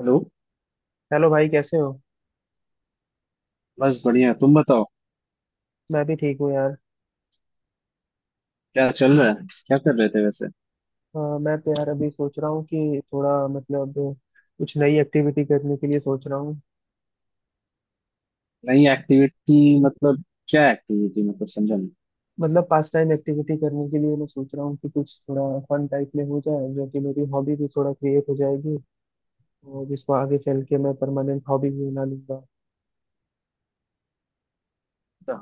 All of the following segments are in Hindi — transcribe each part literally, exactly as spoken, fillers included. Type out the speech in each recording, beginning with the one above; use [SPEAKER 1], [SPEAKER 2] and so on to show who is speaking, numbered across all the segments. [SPEAKER 1] हेलो।
[SPEAKER 2] हेलो भाई, कैसे हो?
[SPEAKER 1] बस बढ़िया, तुम बताओ।
[SPEAKER 2] मैं भी ठीक हूँ यार।
[SPEAKER 1] क्या चल रहा है, क्या कर रहे थे वैसे?
[SPEAKER 2] अ, मैं तो यार अभी सोच रहा हूँ कि थोड़ा मतलब कुछ नई एक्टिविटी करने के लिए सोच रहा हूँ।
[SPEAKER 1] नई एक्टिविटी, मतलब क्या एक्टिविटी? मतलब समझा नहीं।
[SPEAKER 2] मतलब पास टाइम एक्टिविटी करने के लिए मैं सोच रहा हूँ कि कुछ थोड़ा फन टाइप में हो जाए, जो कि मेरी हॉबी भी थोड़ा क्रिएट हो जाएगी और जिसको आगे चल के मैं परमानेंट हॉबी भी बना लूंगा।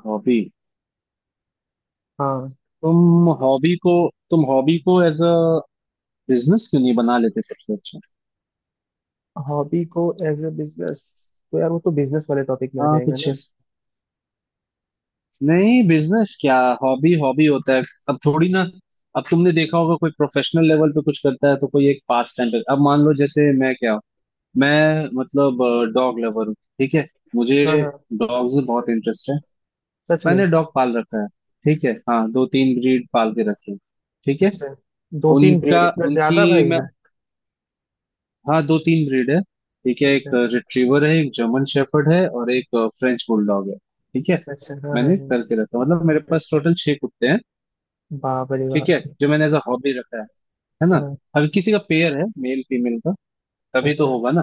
[SPEAKER 1] हॉबी?
[SPEAKER 2] हाँ।
[SPEAKER 1] तुम हॉबी को तुम हॉबी को एज अ बिजनेस क्यों नहीं बना लेते, सबसे अच्छा।
[SPEAKER 2] हॉबी को एज ए बिजनेस? तो यार वो तो बिजनेस वाले टॉपिक में आ
[SPEAKER 1] हाँ,
[SPEAKER 2] जाएगा
[SPEAKER 1] कुछ
[SPEAKER 2] ना।
[SPEAKER 1] ऐस- नहीं, बिजनेस क्या? हॉबी हॉबी होता है। अब थोड़ी ना। अब तुमने देखा होगा कोई प्रोफेशनल लेवल पे कुछ करता है तो कोई एक पास टाइम पे। अब मान लो जैसे मैं क्या हूँ, मैं मतलब डॉग लवर हूँ, ठीक है। मुझे
[SPEAKER 2] हाँ हाँ।
[SPEAKER 1] डॉग्स में बहुत इंटरेस्ट है।
[SPEAKER 2] सच में?
[SPEAKER 1] मैंने डॉग पाल रखा है, ठीक है। हाँ, दो तीन ब्रीड पाल के रखे हैं, ठीक है।
[SPEAKER 2] अच्छा, दो तीन ब्रीड
[SPEAKER 1] उनका
[SPEAKER 2] इतना
[SPEAKER 1] उनकी
[SPEAKER 2] ज्यादा भाई?
[SPEAKER 1] मैं, हाँ दो तीन ब्रीड है, ठीक है। एक
[SPEAKER 2] अच्छा
[SPEAKER 1] रिट्रीवर है, एक जर्मन शेफर्ड है और एक फ्रेंच बुलडॉग है, ठीक है।
[SPEAKER 2] अच्छा। हाँ हाँ
[SPEAKER 1] मैंने
[SPEAKER 2] हाँ।
[SPEAKER 1] करके रखा, मतलब मेरे पास टोटल छह कुत्ते हैं,
[SPEAKER 2] वाह, बड़े वाह।
[SPEAKER 1] ठीक है, जो मैंने एज अ हॉबी रखा है है ना।
[SPEAKER 2] हाँ।
[SPEAKER 1] हर किसी का पेयर है, मेल फीमेल का, तभी तो
[SPEAKER 2] अच्छा
[SPEAKER 1] होगा ना।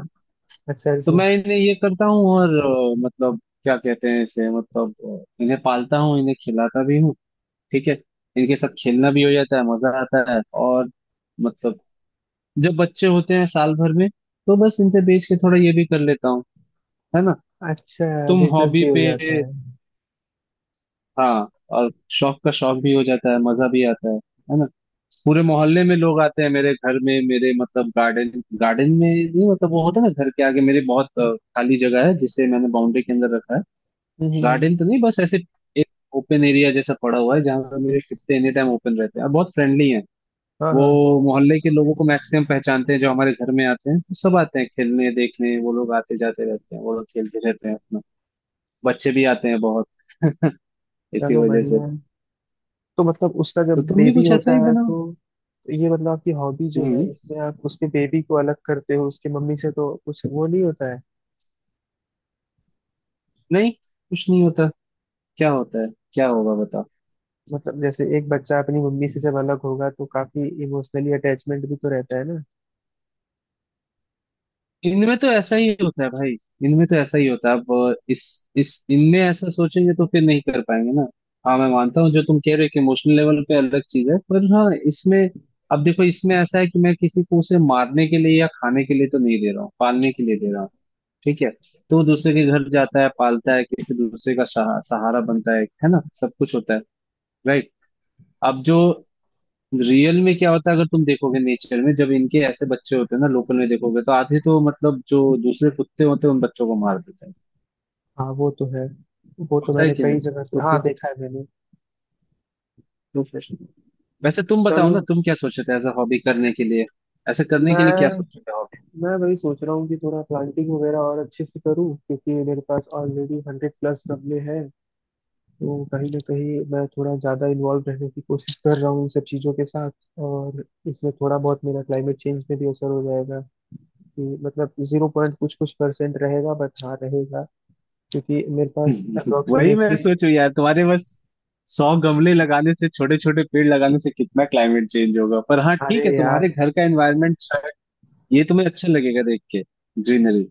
[SPEAKER 2] अच्छा।
[SPEAKER 1] तो
[SPEAKER 2] अच्छा।
[SPEAKER 1] मैं इन्हें ये करता हूँ और अ, मतलब क्या कहते हैं इसे, मतलब अ, इन्हें पालता हूँ, इन्हें खिलाता भी हूँ, ठीक है। इनके साथ खेलना भी हो जाता है, मजा आता है, और मतलब जब बच्चे होते हैं साल भर में तो बस इनसे बेच के थोड़ा ये भी कर लेता हूँ, है ना।
[SPEAKER 2] अच्छा,
[SPEAKER 1] तुम
[SPEAKER 2] बिजनेस
[SPEAKER 1] हॉबी
[SPEAKER 2] भी हो जाता
[SPEAKER 1] पे।
[SPEAKER 2] है।
[SPEAKER 1] हाँ, और शौक का शौक भी हो जाता है, मजा भी आता है है ना। पूरे मोहल्ले में लोग आते हैं मेरे घर में, मेरे मतलब गार्डन, गार्डन में नहीं, मतलब वो होता है ना घर के आगे मेरी बहुत अ, खाली जगह है जिसे मैंने बाउंड्री के अंदर रखा है।
[SPEAKER 2] हम्म
[SPEAKER 1] गार्डन
[SPEAKER 2] हम्म।
[SPEAKER 1] तो नहीं, बस ऐसे एक ओपन एरिया जैसा पड़ा हुआ है जहाँ पर मेरे कुत्ते एनी टाइम ओपन रहते हैं और बहुत फ्रेंडली हैं।
[SPEAKER 2] हाँ हाँ।
[SPEAKER 1] वो मोहल्ले के लोगों को मैक्सिमम पहचानते हैं, जो हमारे घर में आते हैं तो सब आते हैं खेलने देखने। वो लोग आते जाते रहते हैं, वो लोग खेलते रहते हैं अपना। बच्चे भी आते हैं बहुत इसी
[SPEAKER 2] चलो,
[SPEAKER 1] वजह से,
[SPEAKER 2] बढ़िया है। तो मतलब उसका
[SPEAKER 1] तो
[SPEAKER 2] जब
[SPEAKER 1] तुम भी
[SPEAKER 2] बेबी
[SPEAKER 1] कुछ ऐसा
[SPEAKER 2] होता
[SPEAKER 1] ही
[SPEAKER 2] है
[SPEAKER 1] बनाओ।
[SPEAKER 2] तो ये मतलब आपकी हॉबी जो है,
[SPEAKER 1] हम्म।
[SPEAKER 2] इसमें आप उसके बेबी को अलग करते हो उसके मम्मी से, तो कुछ वो नहीं होता है?
[SPEAKER 1] नहीं, कुछ नहीं होता। क्या होता है? क्या होगा? बताओ।
[SPEAKER 2] मतलब जैसे एक बच्चा अपनी मम्मी से जब अलग होगा तो काफी इमोशनली अटैचमेंट भी तो रहता है ना।
[SPEAKER 1] इनमें तो ऐसा ही होता है भाई। इनमें तो ऐसा ही होता है। अब इस इस इनमें ऐसा सोचेंगे तो फिर नहीं कर पाएंगे ना। हाँ मैं मानता हूँ जो तुम कह रहे हो कि इमोशनल लेवल पे अलग चीज है, पर हाँ इसमें अब देखो, इसमें ऐसा है कि मैं किसी को उसे मारने के लिए या खाने के लिए तो नहीं दे रहा हूँ, पालने के लिए दे रहा हूँ, ठीक है। तो वो दूसरे के घर जाता है, पालता है, किसी दूसरे का सहा- सहारा बनता है है ना, सब कुछ होता है, राइट। अब जो रियल में क्या होता है, अगर तुम देखोगे नेचर में, जब इनके ऐसे बच्चे होते हैं ना लोकल में देखोगे, तो आधे तो मतलब जो दूसरे कुत्ते होते हैं उन बच्चों को मार देते हैं,
[SPEAKER 2] हाँ वो तो है। वो तो
[SPEAKER 1] होता है
[SPEAKER 2] मैंने
[SPEAKER 1] कि
[SPEAKER 2] कई
[SPEAKER 1] नहीं।
[SPEAKER 2] जगह
[SPEAKER 1] तो
[SPEAKER 2] पे हाँ
[SPEAKER 1] फिर
[SPEAKER 2] देखा है मैंने।
[SPEAKER 1] तो फिर वैसे तुम बताओ
[SPEAKER 2] चलो।
[SPEAKER 1] ना, तुम क्या सोचे थे एज अ हॉबी करने के लिए? ऐसे करने के लिए क्या
[SPEAKER 2] मैं
[SPEAKER 1] सोचे थे?
[SPEAKER 2] मैं वही सोच रहा हूँ कि थोड़ा प्लांटिंग वगैरह और अच्छे से करूँ, क्योंकि मेरे पास ऑलरेडी हंड्रेड प्लस गमले हैं। तो कहीं ना कहीं मैं थोड़ा ज़्यादा इन्वॉल्व रहने की कोशिश कर रहा हूँ इन सब चीज़ों के साथ। और इसमें थोड़ा बहुत मेरा क्लाइमेट चेंज में भी असर हो जाएगा, कि मतलब जीरो पॉइंट कुछ कुछ परसेंट रहेगा, बट हाँ रहेगा। क्योंकि मेरे पास
[SPEAKER 1] हॉबी वही
[SPEAKER 2] अप्रोक्सीमेटली...
[SPEAKER 1] मैं सोचू, यार तुम्हारे बस सौ गमले लगाने से, छोटे छोटे पेड़ लगाने से कितना क्लाइमेट चेंज होगा। पर हाँ,
[SPEAKER 2] अरे
[SPEAKER 1] ठीक है,
[SPEAKER 2] यार।
[SPEAKER 1] तुम्हारे घर का एनवायरनमेंट, ये तुम्हें अच्छा लगेगा देख के, ग्रीनरी।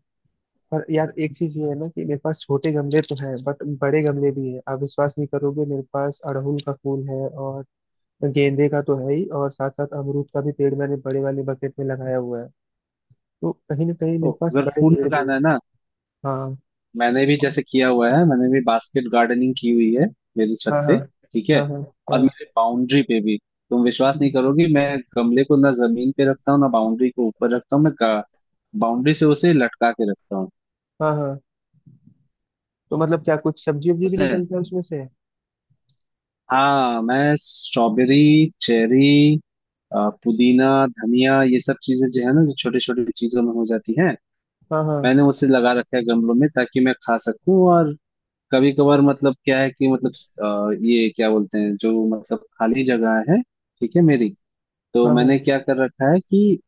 [SPEAKER 2] पर यार एक चीज ये है ना कि मेरे पास छोटे गमले तो हैं बट बड़े गमले भी हैं। आप विश्वास नहीं करोगे, मेरे पास अड़हुल का फूल है, और तो गेंदे का तो है ही, और साथ साथ अमरूद का भी पेड़ मैंने बड़े वाले बकेट में लगाया हुआ है। तो कहीं ना कहीं
[SPEAKER 1] तो
[SPEAKER 2] मेरे पास
[SPEAKER 1] अगर
[SPEAKER 2] बड़े
[SPEAKER 1] फूल
[SPEAKER 2] पेड़ भी
[SPEAKER 1] लगाना है
[SPEAKER 2] हैं।
[SPEAKER 1] ना,
[SPEAKER 2] हाँ
[SPEAKER 1] मैंने भी
[SPEAKER 2] हाँ
[SPEAKER 1] जैसे किया हुआ है, मैंने भी बास्केट गार्डनिंग की हुई है मेरी छत
[SPEAKER 2] हाँ हाँ।
[SPEAKER 1] पे, ठीक है।
[SPEAKER 2] हाँ
[SPEAKER 1] और
[SPEAKER 2] हाँ
[SPEAKER 1] मेरे बाउंड्री पे भी। तुम विश्वास नहीं करोगी, मैं गमले को ना जमीन पे रखता हूँ ना बाउंड्री को ऊपर रखता हूँ, मैं बाउंड्री से उसे लटका के रखता हूँ।
[SPEAKER 2] हाँ हाँ। तो मतलब क्या कुछ सब्जी वब्जी भी
[SPEAKER 1] पता है,
[SPEAKER 2] निकलता है उसमें से?
[SPEAKER 1] हाँ। मैं स्ट्रॉबेरी, चेरी, अ, पुदीना, धनिया, ये सब चीजें जो है ना, जो छोटी छोटी चीजों में हो जाती हैं,
[SPEAKER 2] हाँ हाँ
[SPEAKER 1] मैंने उसे लगा रखा है गमलों में ताकि मैं खा सकूं। और कभी कभार मतलब क्या है कि मतलब अ, ये क्या बोलते हैं जो, मतलब खाली जगह है ठीक है मेरी, तो
[SPEAKER 2] हाँ
[SPEAKER 1] मैंने
[SPEAKER 2] हाँ।
[SPEAKER 1] क्या कर रखा है कि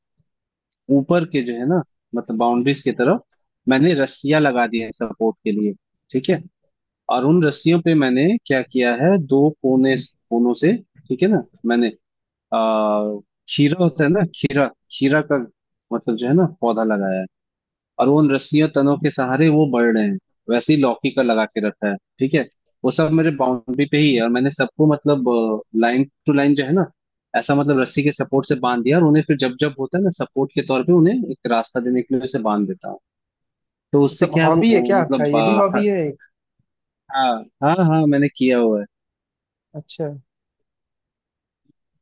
[SPEAKER 1] ऊपर के जो है ना, मतलब बाउंड्रीज की तरफ, मैंने रस्सियां लगा दी है सपोर्ट के लिए, ठीक है। और उन रस्सियों पे मैंने क्या किया है, दो कोने कोनों से, ठीक है ना। मैंने आ खीरा होता है ना, खीरा। खीरा का मतलब जो है ना पौधा लगाया है, और वो उन रस्सियों तनों के सहारे वो बढ़ रहे हैं। वैसे ही लौकी का लगा के रखा है, ठीक है। वो सब मेरे बाउंड्री पे ही है, और मैंने सबको मतलब लाइन टू लाइन जो है ना, ऐसा मतलब रस्सी के सपोर्ट से बांध दिया, और उन्हें फिर जब जब होता है ना सपोर्ट के तौर पे, उन्हें एक रास्ता देने के लिए उसे बांध देता हूँ। तो उससे
[SPEAKER 2] मतलब
[SPEAKER 1] क्या है, वो
[SPEAKER 2] हॉबी है
[SPEAKER 1] ओ,
[SPEAKER 2] क्या आपका,
[SPEAKER 1] मतलब
[SPEAKER 2] ये भी
[SPEAKER 1] आ,
[SPEAKER 2] हॉबी है एक?
[SPEAKER 1] हाँ हाँ हाँ, मैंने किया हुआ है।
[SPEAKER 2] अच्छा।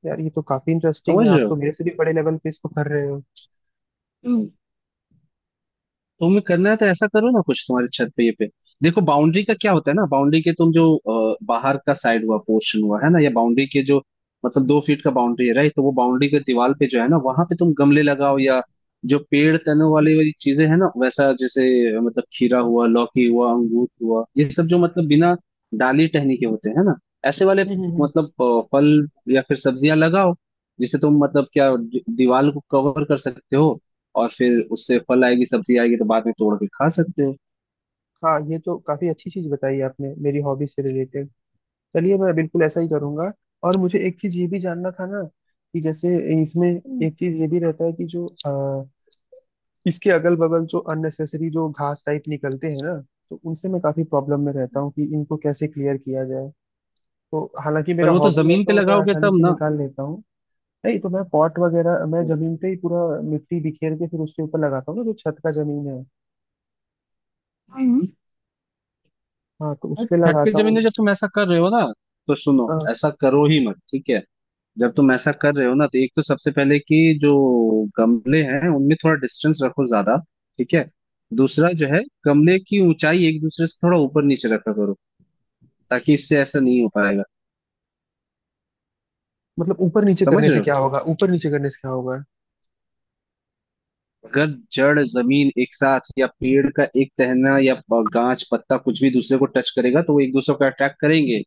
[SPEAKER 2] यार ये तो काफी इंटरेस्टिंग
[SPEAKER 1] समझ
[SPEAKER 2] है, आप
[SPEAKER 1] रहे हो,
[SPEAKER 2] तो मेरे से भी बड़े लेवल पे इसको कर रहे हो।
[SPEAKER 1] तुम्हें करना है तो ऐसा करो ना, कुछ तुम्हारे छत पे ये पे। देखो बाउंड्री का क्या होता है ना, बाउंड्री के तुम जो अ, बाहर का साइड हुआ पोर्शन हुआ है ना, या बाउंड्री के जो मतलब दो फीट का बाउंड्री है, राइट। तो वो बाउंड्री के दीवार पे जो है ना, वहां पे तुम गमले लगाओ, या जो पेड़ तनों वाली वाली चीजें है ना, वैसा जैसे अ, मतलब खीरा हुआ, लौकी हुआ, अंगूर हुआ, ये सब जो मतलब बिना डाली टहनी के होते हैं ना, ऐसे वाले,
[SPEAKER 2] हम्म हम्म, हम्म।
[SPEAKER 1] मतलब अ, फल या फिर सब्जियां लगाओ, जिससे तुम मतलब क्या, दीवार को कवर कर सकते हो, और फिर उससे फल आएगी, सब्जी आएगी, तो बाद में तोड़ के खा सकते हो।
[SPEAKER 2] हाँ, ये तो काफी अच्छी चीज बताई आपने मेरी हॉबी से रिलेटेड। चलिए, मैं बिल्कुल ऐसा ही करूंगा। और मुझे एक चीज ये भी जानना था ना, कि जैसे इसमें एक चीज ये भी रहता है, कि जो अ, इसके अगल बगल जो अननेसेसरी जो घास टाइप निकलते हैं ना, तो उनसे मैं काफी प्रॉब्लम में रहता हूँ कि इनको कैसे क्लियर किया जाए। तो हालांकि
[SPEAKER 1] पर
[SPEAKER 2] मेरा
[SPEAKER 1] वो तो
[SPEAKER 2] हॉबी है
[SPEAKER 1] जमीन पे
[SPEAKER 2] तो मैं
[SPEAKER 1] लगाओगे
[SPEAKER 2] आसानी
[SPEAKER 1] तब
[SPEAKER 2] से
[SPEAKER 1] ना।
[SPEAKER 2] निकाल लेता हूँ। नहीं तो मैं पॉट वगैरह मैं जमीन पे ही पूरा मिट्टी बिखेर के फिर उसके ऊपर लगाता हूँ ना, जो छत का जमीन है।
[SPEAKER 1] हम्म।
[SPEAKER 2] हाँ, तो उस पे
[SPEAKER 1] छत की
[SPEAKER 2] लगाता
[SPEAKER 1] जमीन
[SPEAKER 2] हूँ।
[SPEAKER 1] में जब तुम ऐसा कर रहे हो ना, तो सुनो
[SPEAKER 2] अ,
[SPEAKER 1] ऐसा करो ही मत, ठीक है। जब तुम ऐसा कर रहे हो ना, तो एक तो सबसे पहले कि जो गमले हैं उनमें थोड़ा डिस्टेंस रखो ज्यादा, ठीक है। दूसरा जो है, गमले की ऊंचाई एक दूसरे से थोड़ा ऊपर नीचे रखा करो, ताकि इससे ऐसा नहीं हो पाएगा।
[SPEAKER 2] मतलब ऊपर नीचे
[SPEAKER 1] समझ
[SPEAKER 2] करने
[SPEAKER 1] रहे
[SPEAKER 2] से
[SPEAKER 1] हो,
[SPEAKER 2] क्या होगा? ऊपर नीचे करने से क्या होगा?
[SPEAKER 1] अगर जड़ जमीन एक साथ या पेड़ का एक टहना या प- गांच पत्ता कुछ भी दूसरे को टच करेगा, तो वो एक दूसरे को अट्रैक्ट करेंगे,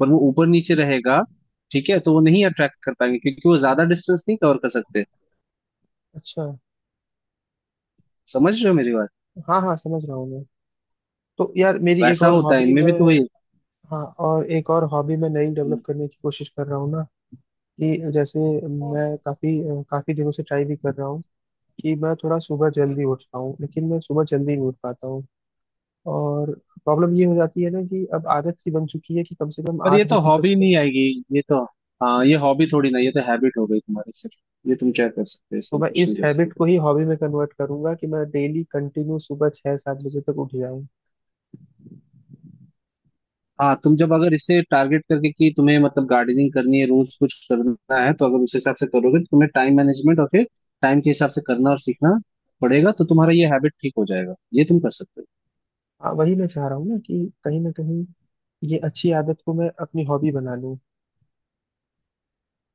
[SPEAKER 1] पर वो ऊपर नीचे रहेगा, ठीक है, तो वो नहीं अट्रैक्ट कर पाएंगे, क्योंकि वो ज्यादा डिस्टेंस नहीं कवर कर सकते।
[SPEAKER 2] अच्छा।
[SPEAKER 1] समझ रहे हो मेरी बात,
[SPEAKER 2] हाँ हाँ समझ रहा हूँ मैं। तो यार मेरी एक
[SPEAKER 1] वैसा
[SPEAKER 2] और
[SPEAKER 1] होता है
[SPEAKER 2] हॉबी
[SPEAKER 1] इनमें भी, तो
[SPEAKER 2] में,
[SPEAKER 1] वही।
[SPEAKER 2] हाँ, और एक और हॉबी मैं नई डेवलप करने की कोशिश कर रहा हूँ ना, कि जैसे मैं काफी काफी दिनों से ट्राई भी कर रहा हूँ कि मैं थोड़ा सुबह जल्दी उठ पाऊँ, लेकिन मैं सुबह जल्दी नहीं उठ पाता हूँ। और प्रॉब्लम ये हो जाती है ना कि अब आदत सी बन चुकी है कि कम से कम
[SPEAKER 1] पर ये
[SPEAKER 2] आठ
[SPEAKER 1] तो
[SPEAKER 2] बजे तक
[SPEAKER 1] हॉबी
[SPEAKER 2] तो...
[SPEAKER 1] नहीं आएगी, ये तो, हाँ ये हॉबी थोड़ी ना, ये तो हैबिट हो गई तुम्हारी सिर्फ, ये तुम क्या कर सकते हो,
[SPEAKER 2] तो
[SPEAKER 1] इसमें
[SPEAKER 2] मैं
[SPEAKER 1] कुछ
[SPEAKER 2] इस
[SPEAKER 1] नहीं कर
[SPEAKER 2] हैबिट
[SPEAKER 1] सकते।
[SPEAKER 2] को ही हॉबी में कन्वर्ट करूंगा, कि मैं डेली कंटिन्यू सुबह छह सात बजे तक उठ जाऊँ।
[SPEAKER 1] हाँ तुम जब अगर इसे टारगेट करके कि तुम्हें मतलब गार्डनिंग करनी है रोज कुछ करना है, तो अगर उस हिसाब से करोगे तो तुम्हें टाइम मैनेजमेंट और फिर टाइम के हिसाब से करना और सीखना पड़ेगा, तो तुम्हारा ये हैबिट ठीक हो जाएगा, ये तुम कर सकते हो।
[SPEAKER 2] हाँ, वही मैं चाह रहा हूँ ना, कि कहीं ना कहीं ये अच्छी आदत को मैं अपनी हॉबी बना लूं।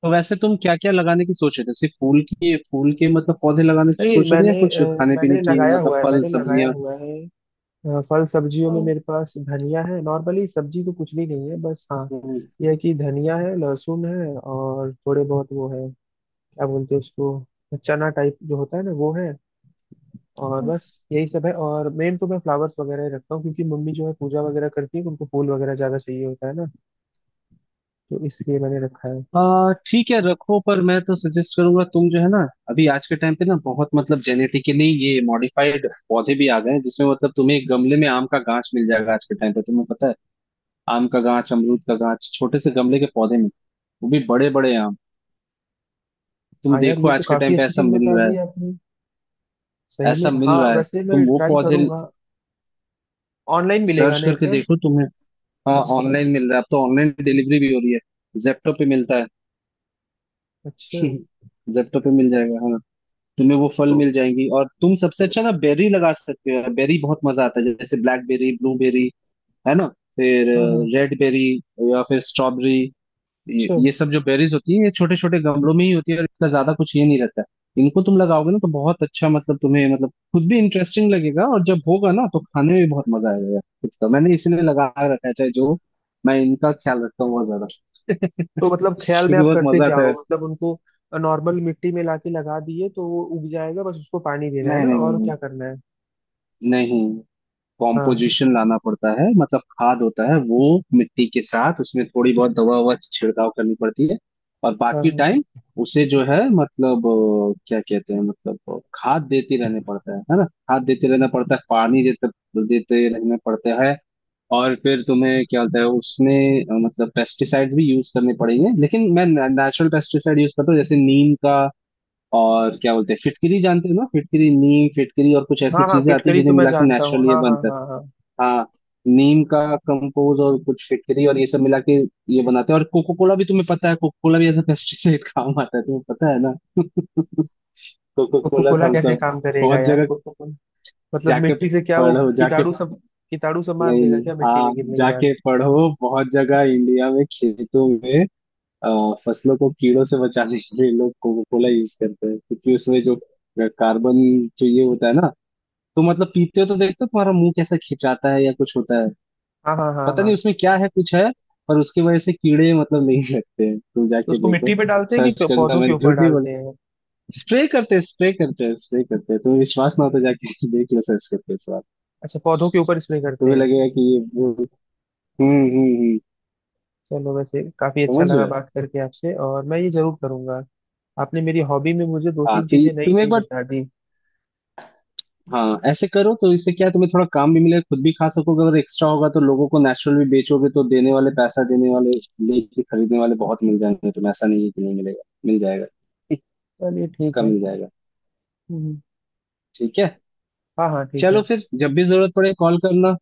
[SPEAKER 1] तो वैसे तुम क्या क्या लगाने की सोच रहे थे? सिर्फ फूल की, फूल के मतलब पौधे लगाने की
[SPEAKER 2] नहीं,
[SPEAKER 1] सोच रहे थे, या
[SPEAKER 2] मैंने
[SPEAKER 1] कुछ
[SPEAKER 2] अ,
[SPEAKER 1] खाने पीने
[SPEAKER 2] मैंने
[SPEAKER 1] की,
[SPEAKER 2] लगाया
[SPEAKER 1] मतलब
[SPEAKER 2] हुआ है,
[SPEAKER 1] फल
[SPEAKER 2] मैंने लगाया
[SPEAKER 1] सब्जियां?
[SPEAKER 2] हुआ है। अ, फल सब्जियों में
[SPEAKER 1] हाँ।
[SPEAKER 2] मेरे पास धनिया है, नॉर्मली सब्जी तो कुछ भी नहीं है बस, हाँ यह है कि धनिया है, लहसुन है और थोड़े बहुत वो है, क्या बोलते हैं उसको, चना टाइप जो होता है ना वो है, और
[SPEAKER 1] हम्म,
[SPEAKER 2] बस यही सब है। और मेन तो मैं फ्लावर्स वगैरह ही रखता हूँ, क्योंकि मम्मी जो है पूजा वगैरह करती है तो उनको फूल वगैरह ज्यादा चाहिए होता है ना, तो इसलिए मैंने रखा है।
[SPEAKER 1] आ, ठीक है रखो, पर मैं तो सजेस्ट करूंगा, तुम जो है ना, अभी आज के टाइम पे ना, बहुत मतलब जेनेटिकली ये मॉडिफाइड पौधे भी आ गए हैं, जिसमें मतलब तुम्हें एक गमले में आम का गांच मिल जाएगा आज के टाइम पे, तुम्हें पता है। आम का गांच, अमरूद का गांच छोटे से गमले के पौधे में, वो भी बड़े बड़े आम। तुम
[SPEAKER 2] हाँ यार,
[SPEAKER 1] देखो
[SPEAKER 2] ये तो
[SPEAKER 1] आज के टाइम
[SPEAKER 2] काफी
[SPEAKER 1] पे
[SPEAKER 2] अच्छी
[SPEAKER 1] ऐसा
[SPEAKER 2] चीज
[SPEAKER 1] मिल
[SPEAKER 2] बता
[SPEAKER 1] रहा
[SPEAKER 2] दी आपने।
[SPEAKER 1] है,
[SPEAKER 2] सही में,
[SPEAKER 1] ऐसा
[SPEAKER 2] हाँ
[SPEAKER 1] मिल रहा है,
[SPEAKER 2] वैसे मैं
[SPEAKER 1] तुम वो
[SPEAKER 2] ट्राई
[SPEAKER 1] पौधे
[SPEAKER 2] करूंगा। ऑनलाइन मिलेगा
[SPEAKER 1] सर्च
[SPEAKER 2] ना ये
[SPEAKER 1] करके
[SPEAKER 2] सब?
[SPEAKER 1] देखो तुम्हें। हाँ ऑनलाइन मिल रहा है, अब तो ऑनलाइन डिलीवरी भी हो रही है, जेप्टो पे मिलता है।
[SPEAKER 2] अच्छा।
[SPEAKER 1] जेप्टो पे मिल जाएगा हाँ। तुम्हें वो फल
[SPEAKER 2] तो
[SPEAKER 1] मिल जाएंगी, और तुम सबसे अच्छा ना बेरी लगा सकते हो। बेरी बहुत मजा आता है, जैसे ब्लैकबेरी, ब्लूबेरी, है ना, फिर
[SPEAKER 2] हाँ हाँ।
[SPEAKER 1] रेड बेरी, या फिर स्ट्रॉबेरी। ये,
[SPEAKER 2] अच्छा,
[SPEAKER 1] ये सब जो बेरीज होती है, ये छोटे छोटे गमलों में ही होती है, और इतना ज्यादा कुछ ये नहीं रहता है, इनको तुम लगाओगे ना तो बहुत अच्छा, मतलब तुम्हें मतलब खुद भी इंटरेस्टिंग लगेगा, और जब होगा ना तो खाने में भी बहुत मजा आएगा यार, खुद का, मैंने इसीलिए लगा रखा है, चाहे जो। मैं इनका ख्याल रखता हूँ बहुत ज्यादा
[SPEAKER 2] तो मतलब ख्याल में
[SPEAKER 1] क्योंकि
[SPEAKER 2] आप
[SPEAKER 1] बहुत
[SPEAKER 2] करते
[SPEAKER 1] मजा
[SPEAKER 2] क्या
[SPEAKER 1] आता
[SPEAKER 2] हो
[SPEAKER 1] है।
[SPEAKER 2] मतलब उनको? नॉर्मल मिट्टी में लाके लगा दिए तो वो उग जाएगा, बस उसको पानी देना है
[SPEAKER 1] नहीं
[SPEAKER 2] ना,
[SPEAKER 1] नहीं
[SPEAKER 2] और
[SPEAKER 1] नहीं,
[SPEAKER 2] क्या करना है?
[SPEAKER 1] नहीं नहीं,
[SPEAKER 2] हाँ
[SPEAKER 1] कॉम्पोजिशन लाना पड़ता है, मतलब खाद होता है वो, मिट्टी के साथ उसमें थोड़ी बहुत दवा ववा छिड़काव करनी पड़ती है, और
[SPEAKER 2] हाँ
[SPEAKER 1] बाकी
[SPEAKER 2] हाँ
[SPEAKER 1] टाइम उसे जो है, मतलब अ, क्या कहते हैं, मतलब अ, खाद देते रहने पड़ता है है ना, खाद देते रहना पड़ता है, पानी देते देते रहने पड़ते हैं। और फिर तुम्हें क्या होता है उसमें अ, मतलब पेस्टिसाइड्स भी यूज करने पड़ेंगे, लेकिन मैं नेचुरल पेस्टिसाइड यूज करता हूँ, जैसे नीम का। और क्या बोलते हैं, फिटकरी जानते हो ना, फिटकरी, नीम फिटकरी और कुछ ऐसी
[SPEAKER 2] हाँ। हाँ,
[SPEAKER 1] चीजें आती है
[SPEAKER 2] फिटकरी तो
[SPEAKER 1] जिन्हें
[SPEAKER 2] मैं
[SPEAKER 1] मिला के
[SPEAKER 2] जानता हूँ,
[SPEAKER 1] नेचुरल ये
[SPEAKER 2] हाँ हाँ
[SPEAKER 1] बनता है।
[SPEAKER 2] हाँ हाँ।
[SPEAKER 1] हाँ, नीम का कंपोज और कुछ फिटकरी और ये सब मिला के ये बनाते हैं। और कोको कोला भी, तुम्हें पता है, कोको कोला भी एज अ पेस्टिसाइड काम आता है, तुम्हें पता है ना, Coca
[SPEAKER 2] Coca
[SPEAKER 1] Cola,
[SPEAKER 2] Cola
[SPEAKER 1] Thums
[SPEAKER 2] कैसे
[SPEAKER 1] अप।
[SPEAKER 2] काम करेगा
[SPEAKER 1] बहुत
[SPEAKER 2] यार,
[SPEAKER 1] जगह
[SPEAKER 2] कोको कोला? मतलब
[SPEAKER 1] जाके
[SPEAKER 2] मिट्टी से क्या वो
[SPEAKER 1] पढ़ो, जाके।
[SPEAKER 2] कीटाणु सब, कीटाणु सब मार
[SPEAKER 1] नहीं
[SPEAKER 2] देगा
[SPEAKER 1] नहीं,
[SPEAKER 2] क्या मिट्टी
[SPEAKER 1] हाँ,
[SPEAKER 2] में गिरने के बाद?
[SPEAKER 1] जाके पढ़ो बहुत जगह। इंडिया में खेतों में अ, फसलों को कीड़ों से बचाने के लिए लोग कोको कोला यूज करते हैं, क्योंकि उसमें जो कार्बन जो ये होता है ना, तो मतलब पीते हो तो देखते हो तुम्हारा मुंह कैसा खिंचाता है या कुछ होता है,
[SPEAKER 2] हाँ हाँ हाँ
[SPEAKER 1] पता नहीं
[SPEAKER 2] हाँ।
[SPEAKER 1] उसमें क्या है, कुछ है, पर उसकी वजह से कीड़े मतलब नहीं लगते हैं, तुम
[SPEAKER 2] तो
[SPEAKER 1] जाके
[SPEAKER 2] उसको
[SPEAKER 1] देखो।
[SPEAKER 2] मिट्टी पे डालते हैं
[SPEAKER 1] सर्च
[SPEAKER 2] कि प-
[SPEAKER 1] करना,
[SPEAKER 2] पौधों
[SPEAKER 1] मैं
[SPEAKER 2] के ऊपर
[SPEAKER 1] झूठ नहीं बोला।
[SPEAKER 2] डालते हैं?
[SPEAKER 1] स्प्रे करते हैं, स्प्रे करते हैं, स्प्रे करते हैं, तुम्हें विश्वास ना हो तो जाके देख लो, सर्च करके इस बार।
[SPEAKER 2] अच्छा, पौधों के ऊपर स्प्रे करते
[SPEAKER 1] तुम्हें
[SPEAKER 2] हैं।
[SPEAKER 1] लगेगा कि ये वो। हम्म हम्म हम्म।
[SPEAKER 2] चलो, वैसे काफी अच्छा
[SPEAKER 1] समझ रहे
[SPEAKER 2] लगा
[SPEAKER 1] हो,
[SPEAKER 2] बात करके आपसे, और मैं ये जरूर करूंगा। आपने मेरी हॉबी में मुझे दो
[SPEAKER 1] हाँ
[SPEAKER 2] तीन
[SPEAKER 1] तो ये-
[SPEAKER 2] चीजें नई
[SPEAKER 1] तुम एक
[SPEAKER 2] नई
[SPEAKER 1] बार।
[SPEAKER 2] बता दी।
[SPEAKER 1] हाँ ऐसे करो, तो इससे क्या है, तुम्हें थोड़ा काम भी मिलेगा, खुद भी खा सकोगे, अगर एक्स्ट्रा होगा तो लोगों को नेचुरल भी बेचोगे, तो देने वाले, पैसा देने वाले, लेके खरीदने वाले बहुत मिल जाएंगे तुम्हें, ऐसा नहीं है कि नहीं मिलेगा, मिल जाएगा
[SPEAKER 2] चलिए ठीक
[SPEAKER 1] का,
[SPEAKER 2] है।
[SPEAKER 1] मिल जाएगा,
[SPEAKER 2] हम्म।
[SPEAKER 1] ठीक है।
[SPEAKER 2] हाँ हाँ ठीक है।
[SPEAKER 1] चलो फिर जब भी जरूरत पड़े कॉल करना,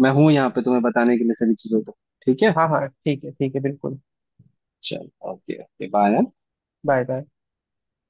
[SPEAKER 1] मैं हूँ यहाँ पे तुम्हें बताने के लिए सभी चीजों को, ठीक है।
[SPEAKER 2] हाँ हाँ ठीक है, ठीक है बिल्कुल।
[SPEAKER 1] चलो, okay okay bye.
[SPEAKER 2] Bye bye.